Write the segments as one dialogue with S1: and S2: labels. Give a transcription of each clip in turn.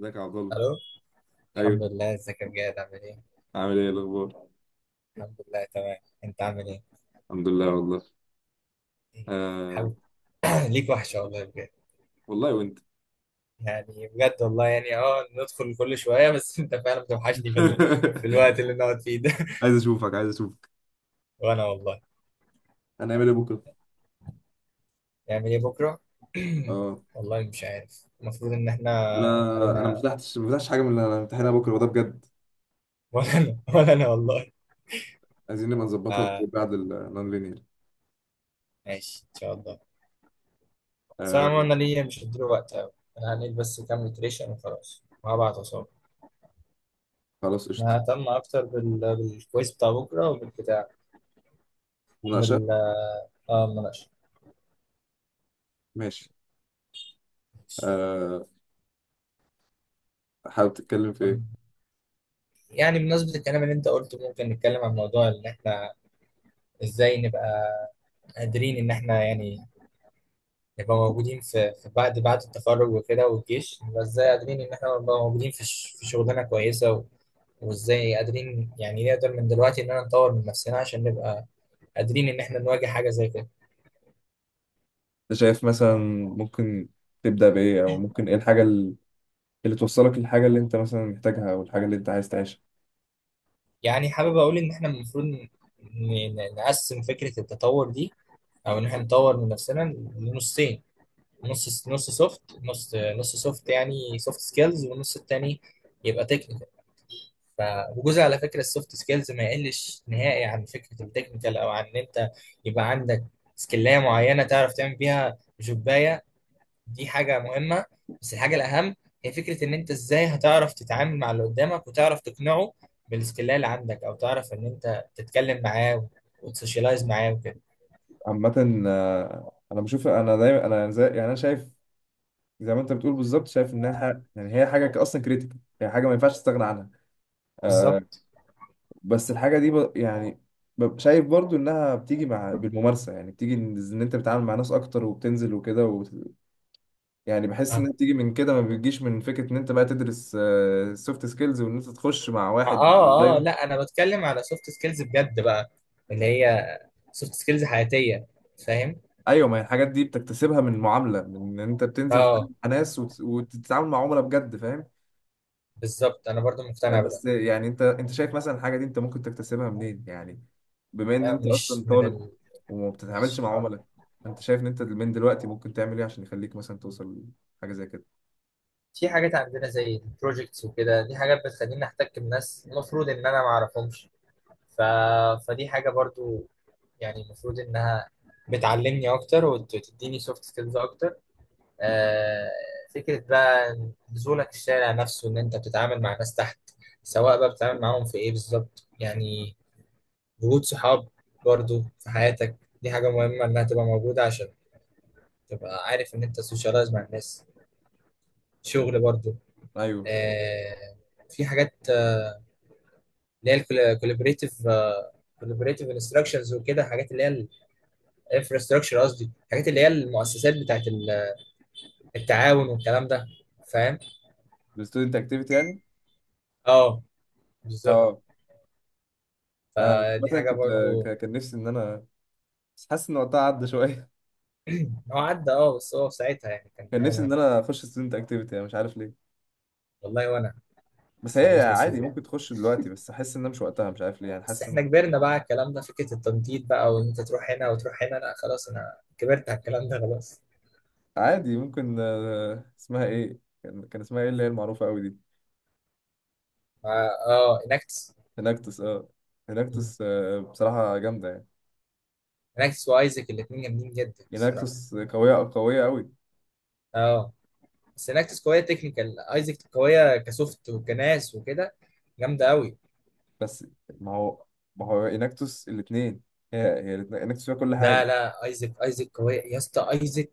S1: ازيك يا عبد الله؟
S2: الو.
S1: ايوه.
S2: الحمد لله، ازيك يا بجد؟ عامل ايه؟
S1: عامل ايه الاخبار؟
S2: الحمد لله تمام. انت عامل ايه؟
S1: الحمد لله والله.
S2: إيه،
S1: آه.
S2: حب... ليك وحشه والله بجد.
S1: والله وانت.
S2: يعني بجد والله يعني ندخل كل شويه بس. انت فعلا بتوحشني في الوقت اللي بنقعد فيه ده.
S1: عايز اشوفك عايز اشوفك.
S2: وانا والله.
S1: هنعمل ايه بكره؟
S2: نعمل ايه بكره؟
S1: اه.
S2: والله مش عارف، المفروض ان احنا
S1: انا انا ما
S2: علينا.
S1: فتحتش ما فتحتش حاجه من اللي انا امتحانها بكره وده بجد.
S2: ولا انا والله.
S1: عايزين نبقى نظبطها
S2: آه،
S1: بعد النون لينير.
S2: ماشي ان شاء الله. بس انا عموما
S1: آه.
S2: أنا ليا مش هديله وقت قوي. انا هنيل بس كام ريتريشن وخلاص، وهبعت اصابه.
S1: خلاص
S2: انا
S1: قشطه.
S2: ههتم اكتر بالكويس بتاع بكره وبالبتاع. من
S1: مناقشه.
S2: ال- آه، المناقشة.
S1: ماشي. آه. حابب تتكلم في
S2: طب،
S1: ايه؟
S2: يعني بمناسبة الكلام اللي انت قلته، ممكن نتكلم عن موضوع ان احنا ازاي نبقى قادرين ان احنا يعني نبقى موجودين في بعد التخرج وكده والجيش. نبقى ازاي قادرين ان احنا نبقى موجودين في شغلانة كويسة، وازاي قادرين يعني نقدر من دلوقتي ان احنا نطور من نفسنا عشان نبقى قادرين ان احنا نواجه حاجة زي كده.
S1: انت شايف مثلا ممكن تبدا بايه؟ او ممكن ايه الحاجه اللي توصلك للحاجه اللي انت مثلا محتاجها، او الحاجه اللي انت عايز تعيشها؟
S2: يعني حابب اقول ان احنا المفروض نقسم فكرة التطور دي، او ان احنا نطور من نفسنا لنصين. نص نص سوفت يعني سوفت سكيلز، والنص التاني يبقى تكنيكال. ف وجزء على فكره السوفت سكيلز ما يقلش نهائي عن فكره التكنيكال، او عن ان انت يبقى عندك سكيلايه معينه تعرف تعمل بيها جوبايه. دي حاجه مهمه، بس الحاجه الاهم هي فكره ان انت ازاي هتعرف تتعامل مع اللي قدامك وتعرف تقنعه بالسكيلايه اللي عندك، او تعرف ان انت تتكلم معاه وتسوشيالايز معاه وكده.
S1: عامة آه، أنا بشوف، أنا دايما أنا زي أنا شايف زي ما أنت بتقول بالظبط. شايف إنها هي حاجة أصلا كريتيكال، هي حاجة ما ينفعش تستغنى عنها. آه.
S2: بالظبط.
S1: بس الحاجة دي شايف برضو إنها بتيجي مع بالممارسة، يعني بتيجي إن أنت بتتعامل مع ناس أكتر وبتنزل وكده وبت... يعني بحس إنها بتيجي من كده، ما بتجيش من فكرة إن أنت بقى تدرس سوفت سكيلز وإن أنت تخش مع واحد
S2: اه آه،
S1: أونلاين.
S2: لا انا بتكلم على سوفت سكيلز بجد بقى، اللي هي سوفت سكيلز حياتيه. فاهم.
S1: ايوه، ما هي الحاجات دي بتكتسبها من المعامله، من ان انت بتنزل
S2: اه
S1: مع ناس وتتعامل مع عملاء بجد، فاهم؟
S2: بالظبط، انا برضو مقتنع بده.
S1: بس يعني انت شايف مثلا الحاجه دي انت ممكن تكتسبها منين يعني، بما ان
S2: لا،
S1: انت اصلا
S2: مش من
S1: طالب
S2: ال...
S1: وما بتتعاملش
S2: مش.
S1: مع
S2: آه.
S1: عملاء؟ انت شايف ان انت من دلوقتي ممكن تعمل ايه عشان يخليك مثلا توصل لحاجه زي كده؟
S2: في حاجات عندنا زي البروجكتس وكده، دي حاجات بتخليني احتك بناس المفروض ان انا ما اعرفهمش. ف... فدي حاجه برضو، يعني المفروض انها بتعلمني اكتر وتديني سوفت سكيلز اكتر. آه، فكرة بقى نزولك الشارع نفسه إن أنت بتتعامل مع ناس تحت، سواء بقى بتتعامل معاهم في إيه بالظبط يعني. وجود صحاب برضو في حياتك، دي حاجة مهمة إنها تبقى موجودة عشان تبقى عارف إن أنت سوشيالايز مع الناس. شغل برضو.
S1: ايوه.
S2: آه، في حاجات، اللي هي الكولابريتيف. انستراكشنز وكده، حاجات اللي هي الانفراستراكشر، قصدي حاجات اللي هي المؤسسات التعاون والكلام ده. فاهم؟
S1: الستودنت اكتيفيتي يعني.
S2: اه بالظبط.
S1: اه. آه،
S2: فدي
S1: مثلا
S2: حاجة
S1: كنت،
S2: برضو.
S1: كان نفسي ان انا، بس حاسس ان وقتها عدى شويه.
S2: هو عدى اه، بس هو في ساعتها يعني كان
S1: كان
S2: حاجه
S1: نفسي ان
S2: مهمه.
S1: انا اخش ستودنت اكتيفيتي يعني، مش عارف ليه.
S2: والله وانا.
S1: بس
S2: بس
S1: هي
S2: مالناش
S1: عادي
S2: نصيب يعني.
S1: ممكن تخش دلوقتي، بس احس انها مش وقتها، مش عارف ليه، يعني
S2: بس
S1: حاسس ان
S2: احنا كبرنا بقى على الكلام ده، فكره التنطيط بقى وان انت تروح هنا وتروح هنا، لا خلاص انا كبرت على الكلام ده خلاص.
S1: عادي ممكن. آه، اسمها ايه؟ كان اسمها ايه اللي هي المعروفه قوي دي؟
S2: اه آه، اناكتس.
S1: هيناكتوس، اه.
S2: مم.
S1: هيناكتوس آه، بصراحة جامدة يعني.
S2: اناكتس وايزك الاثنين جامدين جدا الصراحه.
S1: هيناكتوس قوية، قوية قوي.
S2: اه بس اناكتس قويه تكنيكال، ايزك قويه كسوفت وكناس وكده. جامده قوي.
S1: بس ما هو، ما هو هيناكتوس الاتنين، هي الاتنين هيناكتوس فيها كل
S2: لا
S1: حاجة.
S2: لا، ايزك قويه يا اسطى. ايزك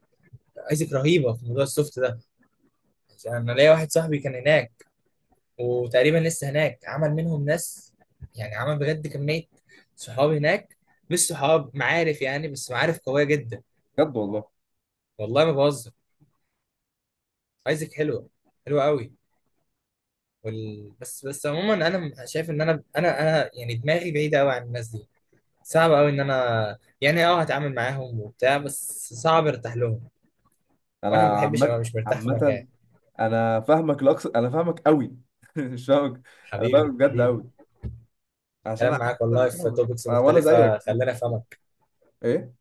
S2: ايزك رهيبه في موضوع السوفت ده. يعني انا ليا واحد صاحبي كان هناك، وتقريبا لسه هناك. عمل منهم ناس، يعني عمل بجد كمية صحاب هناك، مش صحاب معارف يعني، بس معارف قوية جدا.
S1: بجد والله.
S2: والله ما بهزر. ايزك حلوة، حلوة قوي. بس عموما انا شايف ان انا يعني دماغي بعيدة قوي عن الناس دي. صعب قوي ان انا يعني اه هتعامل معاهم وبتاع، بس صعب ارتاح لهم. وانا ما
S1: أنا
S2: بحبش
S1: عامة.
S2: ابقى مش مرتاح في مكان.
S1: عامة أنا فاهمك لأقصى، أنا فاهمك قوي. مش فاهمك. أنا
S2: حبيبي
S1: فاهمك بجد
S2: حبيبي
S1: قوي، عشان
S2: الكلام
S1: أنا. أنا
S2: معاك والله في
S1: فاهمك
S2: توبكس
S1: آه، وأنا
S2: مختلفة
S1: زيك.
S2: خلاني افهمك.
S1: إيه؟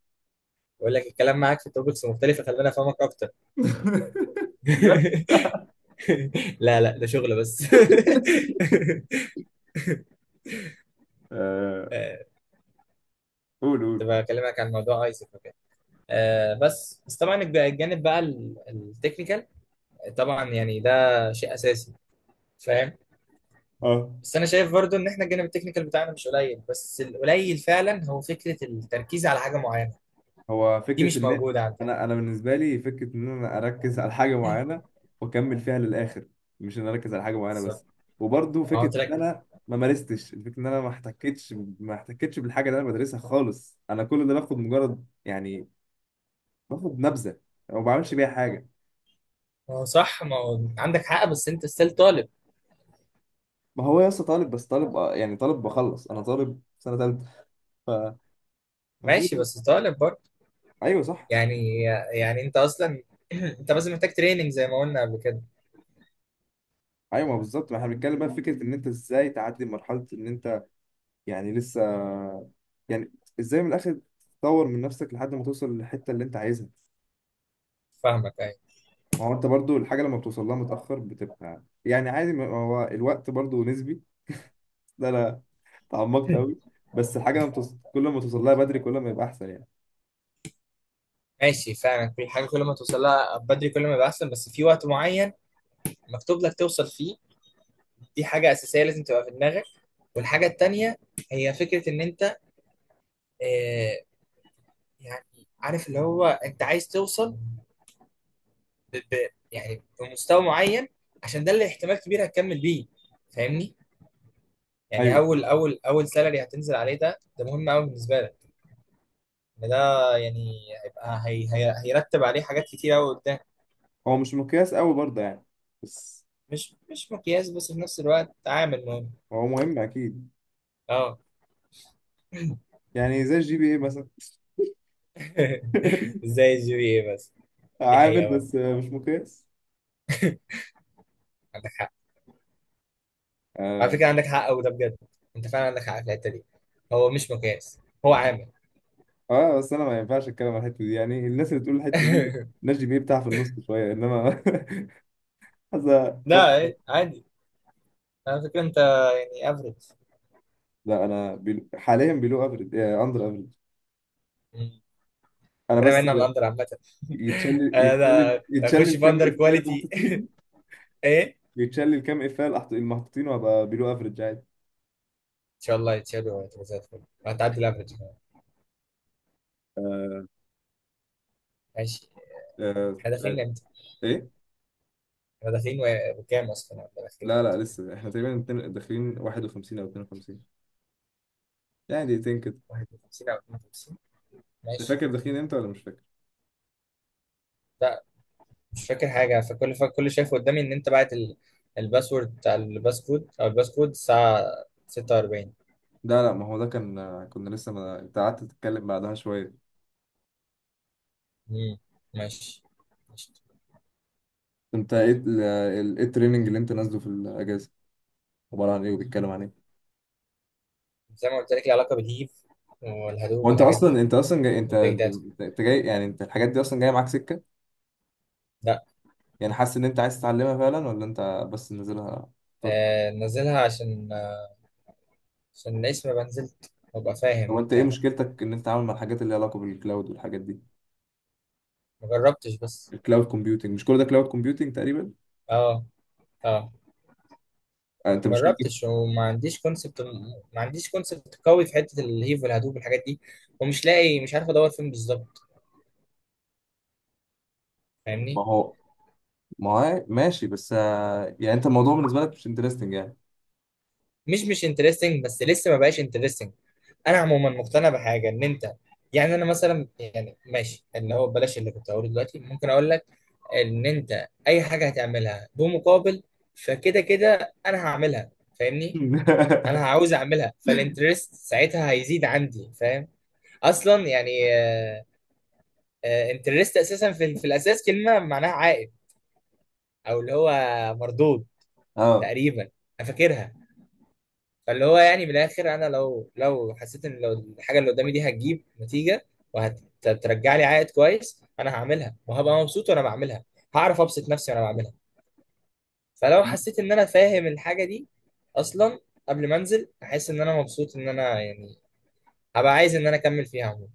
S2: بقول لك، الكلام معاك في توبكس مختلفة خلاني افهمك اكتر.
S1: بجد.
S2: لا لا، ده شغل بس.
S1: آه،
S2: آه،
S1: قول قول.
S2: كنت بكلمك عن موضوع ايسك وكده. آه، بس طبعا الجانب بقى التكنيكال، طبعا يعني ده شيء اساسي. فاهم.
S1: اه.
S2: بس انا شايف برضو ان احنا الجانب التكنيكال بتاعنا مش قليل، بس القليل فعلا هو فكره التركيز على حاجه معينه.
S1: هو
S2: دي
S1: فكرة
S2: مش
S1: إن
S2: موجوده عندنا.
S1: أنا، أنا بالنسبة لي فكرة إن أنا أركز على حاجة معينة وأكمل فيها للآخر، مش إن أنا أركز على حاجة معينة بس.
S2: بالظبط.
S1: وبرضه
S2: ما هو
S1: فكرة إن
S2: ترك
S1: أنا ما مارستش، الفكرة إن أنا ما احتكتش، ما احتكتش بالحاجة اللي أنا بدرسها خالص. أنا كل ده باخد مجرد يعني باخد نبذة وما بعملش بيها حاجة.
S2: ما هو صح، ما هو عندك حق، بس انت ستيل طالب.
S1: ما هو يا اسطى طالب، بس طالب آه، يعني طالب بخلص، أنا طالب في سنة تالتة،
S2: ماشي،
S1: فالمفروض.
S2: بس طالب برضو.
S1: أيوه صح.
S2: يعني يعني انت اصلا انت بس محتاج تريننج زي ما قلنا قبل كده.
S1: أيوه بالظبط. ما إحنا بنتكلم بقى في فكرة إن أنت إزاي تعدي مرحلة إن أنت يعني لسه، يعني ازاي من الاخر تطور من نفسك لحد ما توصل للحته اللي انت عايزها.
S2: فاهمك ايوه.
S1: ما هو انت برضو الحاجه لما بتوصل لها متاخر بتبقى يعني عادي، ما هو الوقت برضو نسبي. ده انا تعمقت قوي. بس الحاجه لما كل ما توصل لها بدري كل ما يبقى احسن يعني.
S2: ماشي فعلا، كل حاجه كل ما توصل لها بدري كل ما يبقى احسن، بس في وقت معين مكتوب لك توصل فيه. دي حاجه اساسيه لازم تبقى في دماغك. والحاجه التانيه هي فكره ان انت، آه، يعني عارف اللي هو انت عايز توصل ب ب يعني بمستوى معين، عشان ده اللي احتمال كبير هتكمل بيه. فاهمني. يعني
S1: ايوه.
S2: اول سالري هتنزل عليه، ده مهم قوي بالنسبه لك. إن ده يعني هيبقى، هي هيرتب عليه حاجات كتير قوي.
S1: هو مش مقياس قوي برضه يعني، بس
S2: مش مقياس، بس في نفس الوقت عامل مهم.
S1: هو مهم اكيد.
S2: اه.
S1: يعني زي الجي بي اي مثلا.
S2: زي الجي بي اي بس. دي
S1: عامل
S2: حقيقة
S1: بس
S2: برضه،
S1: مش مقياس.
S2: عندك حق. على
S1: اه.
S2: فكرة عندك حق، وده بجد انت فعلا عندك حق في الحتة دي. هو مش مقياس، هو عامل.
S1: آه، بس انا ما ينفعش اتكلم عن الحته دي، يعني الناس اللي تقول الحته دي، الناس جي بي اي بتاعها في النص شويه، انما هذا
S2: لا إيه، عادي. على فكرة انت يعني افريج.
S1: لا انا حاليا بيلو افريج، اندر افريج. انا
S2: ربنا
S1: بس،
S2: يبعدنا عن الاندر عامة.
S1: يتشلل
S2: انا اخش
S1: يتشلل
S2: في
S1: كام
S2: اندر
S1: افيه اللي
S2: كواليتي.
S1: محطوطين.
S2: ايه.
S1: يتشلل كام افيه اللي المحطوطين وابقى بيلو افريج عادي.
S2: ان شاء الله يتشالوا وتبقى زي الفل، هتعدي الافرج كمان.
S1: آه.
S2: ماشي.
S1: آه،
S2: احنا
S1: مش عارف
S2: داخلين امتى؟
S1: ايه.
S2: احنا داخلين وكام اصلا؟ احنا داخلين
S1: لا لا
S2: امتى؟
S1: لسه احنا تقريبا داخلين 51 او 52، يعني دقيقتين كده.
S2: 51 او 52.
S1: انت
S2: ماشي.
S1: فاكر داخلين امتى ولا مش فاكر؟
S2: لا، مش فاكر حاجة. فكل شايف قدامي إن أنت بعت الباسورد بتاع الباس كود، أو الباس كود الساعة 46.
S1: لا لا، ما هو ده كان آه، كنا لسه، ما انت قعدت تتكلم بعدها شويه.
S2: امم ماشي. ماشي.
S1: انت ايه ايه التريننج اللي انت نازله في الاجازه؟ عباره عن ايه وبيتكلم عن ايه؟
S2: زي ما قلت لك، ليها علاقة بالهيف والهدوب
S1: هو انت
S2: والحاجات دي،
S1: اصلا، انت اصلا جاي، انت
S2: والبيج داتا.
S1: انت أنت جاي، يعني انت الحاجات دي اصلا جايه معاك سكه،
S2: لا،
S1: يعني حاسس ان انت عايز تتعلمها فعلا ولا انت بس نازلها؟ طر
S2: آه، نزلها عشان آه، عشان الاسم، ما نزلت وابقى
S1: طب
S2: فاهم
S1: انت ايه
S2: وبتاع.
S1: مشكلتك ان انت عامل مع الحاجات اللي ليها علاقه بالكلاود والحاجات دي؟
S2: ما جربتش بس.
S1: الكلاود كومبيوتنج، مش كل ده كلاود كومبيوتنج تقريبا؟
S2: اه اه.
S1: آه، انت
S2: ما
S1: مشكلتك.
S2: جربتش وما عنديش كونسبت. ما عنديش كونسبت قوي في حتة الهيف والهدوب والحاجات دي، ومش لاقي، مش عارف ادور فين بالظبط.
S1: ما
S2: فاهمني.
S1: هو، ما هو ماشي، بس آه، يعني انت الموضوع بالنسبه لك مش انترستنج يعني.
S2: مش انترستنج، بس لسه ما بقاش انترستنج. انا عموما مقتنع بحاجه ان انت يعني. انا مثلا يعني ماشي، اللي هو بلاش اللي كنت هقوله دلوقتي ممكن اقول لك، ان انت اي حاجه هتعملها بمقابل فكده كده انا هعملها. فاهمني. انا عاوز اعملها فالانترست ساعتها هيزيد عندي، فاهم. اصلا يعني، انترست اساسا في الاساس كلمه معناها عائد، او اللي هو مردود
S1: اه.
S2: تقريبا. انا فاكرها. فاللي هو يعني من الاخر، انا لو حسيت ان لو الحاجه اللي قدامي دي هتجيب نتيجه وهترجع لي عائد كويس، انا هعملها وهبقى مبسوط وانا بعملها. هعرف ابسط نفسي وانا بعملها. فلو حسيت ان انا فاهم الحاجه دي اصلا قبل ما انزل، احس ان انا مبسوط، ان انا يعني هبقى عايز ان انا اكمل فيها عموما.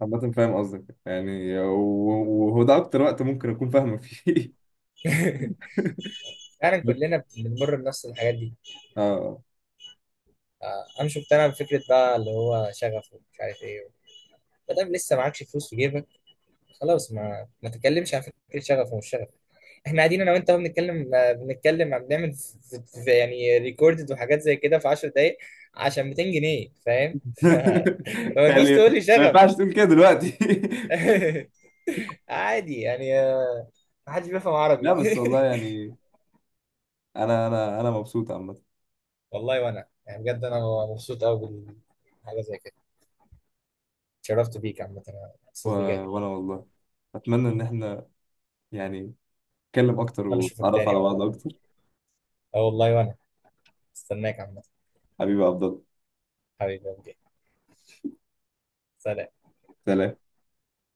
S1: عامة فاهم قصدك، يعني و- وهو ده اكتر وقت ممكن اكون فاهمك فيه.
S2: فعلا كلنا بنمر بنفس الحاجات دي.
S1: اه.
S2: آه، انا مش مقتنع بفكره بقى اللي هو شغف ومش عارف ايه. ما دام لسه معكش فلوس في جيبك، خلاص ما تتكلمش عن فكره شغف ومش شغف. احنا قاعدين انا وانت اهو بنتكلم، آه، بنتكلم عم بنعمل يعني ريكوردد وحاجات زي كده في 10 دقائق عشان 200 جنيه، فاهم. فما تجيش
S1: يعني
S2: تقول لي
S1: ما
S2: شغف.
S1: ينفعش تقول كده دلوقتي.
S2: عادي يعني، آه، ما حدش بيفهم
S1: لا
S2: عربي.
S1: بس والله يعني انا مبسوط عامه.
S2: والله وانا يعني بجد انا مبسوط قوي بالحاجه زي كده. اتشرفت بيك عامه، انا
S1: و-
S2: مبسوط بجد.
S1: وانا والله اتمنى ان احنا يعني نتكلم اكتر
S2: اتمنى اشوفك
S1: ونتعرف
S2: تاني
S1: على
S2: والله.
S1: بعض اكتر.
S2: اه والله وانا، استناك عامه.
S1: حبيبي عبد الله.
S2: حبيبي، اوكي، سلام.
S1: سلام.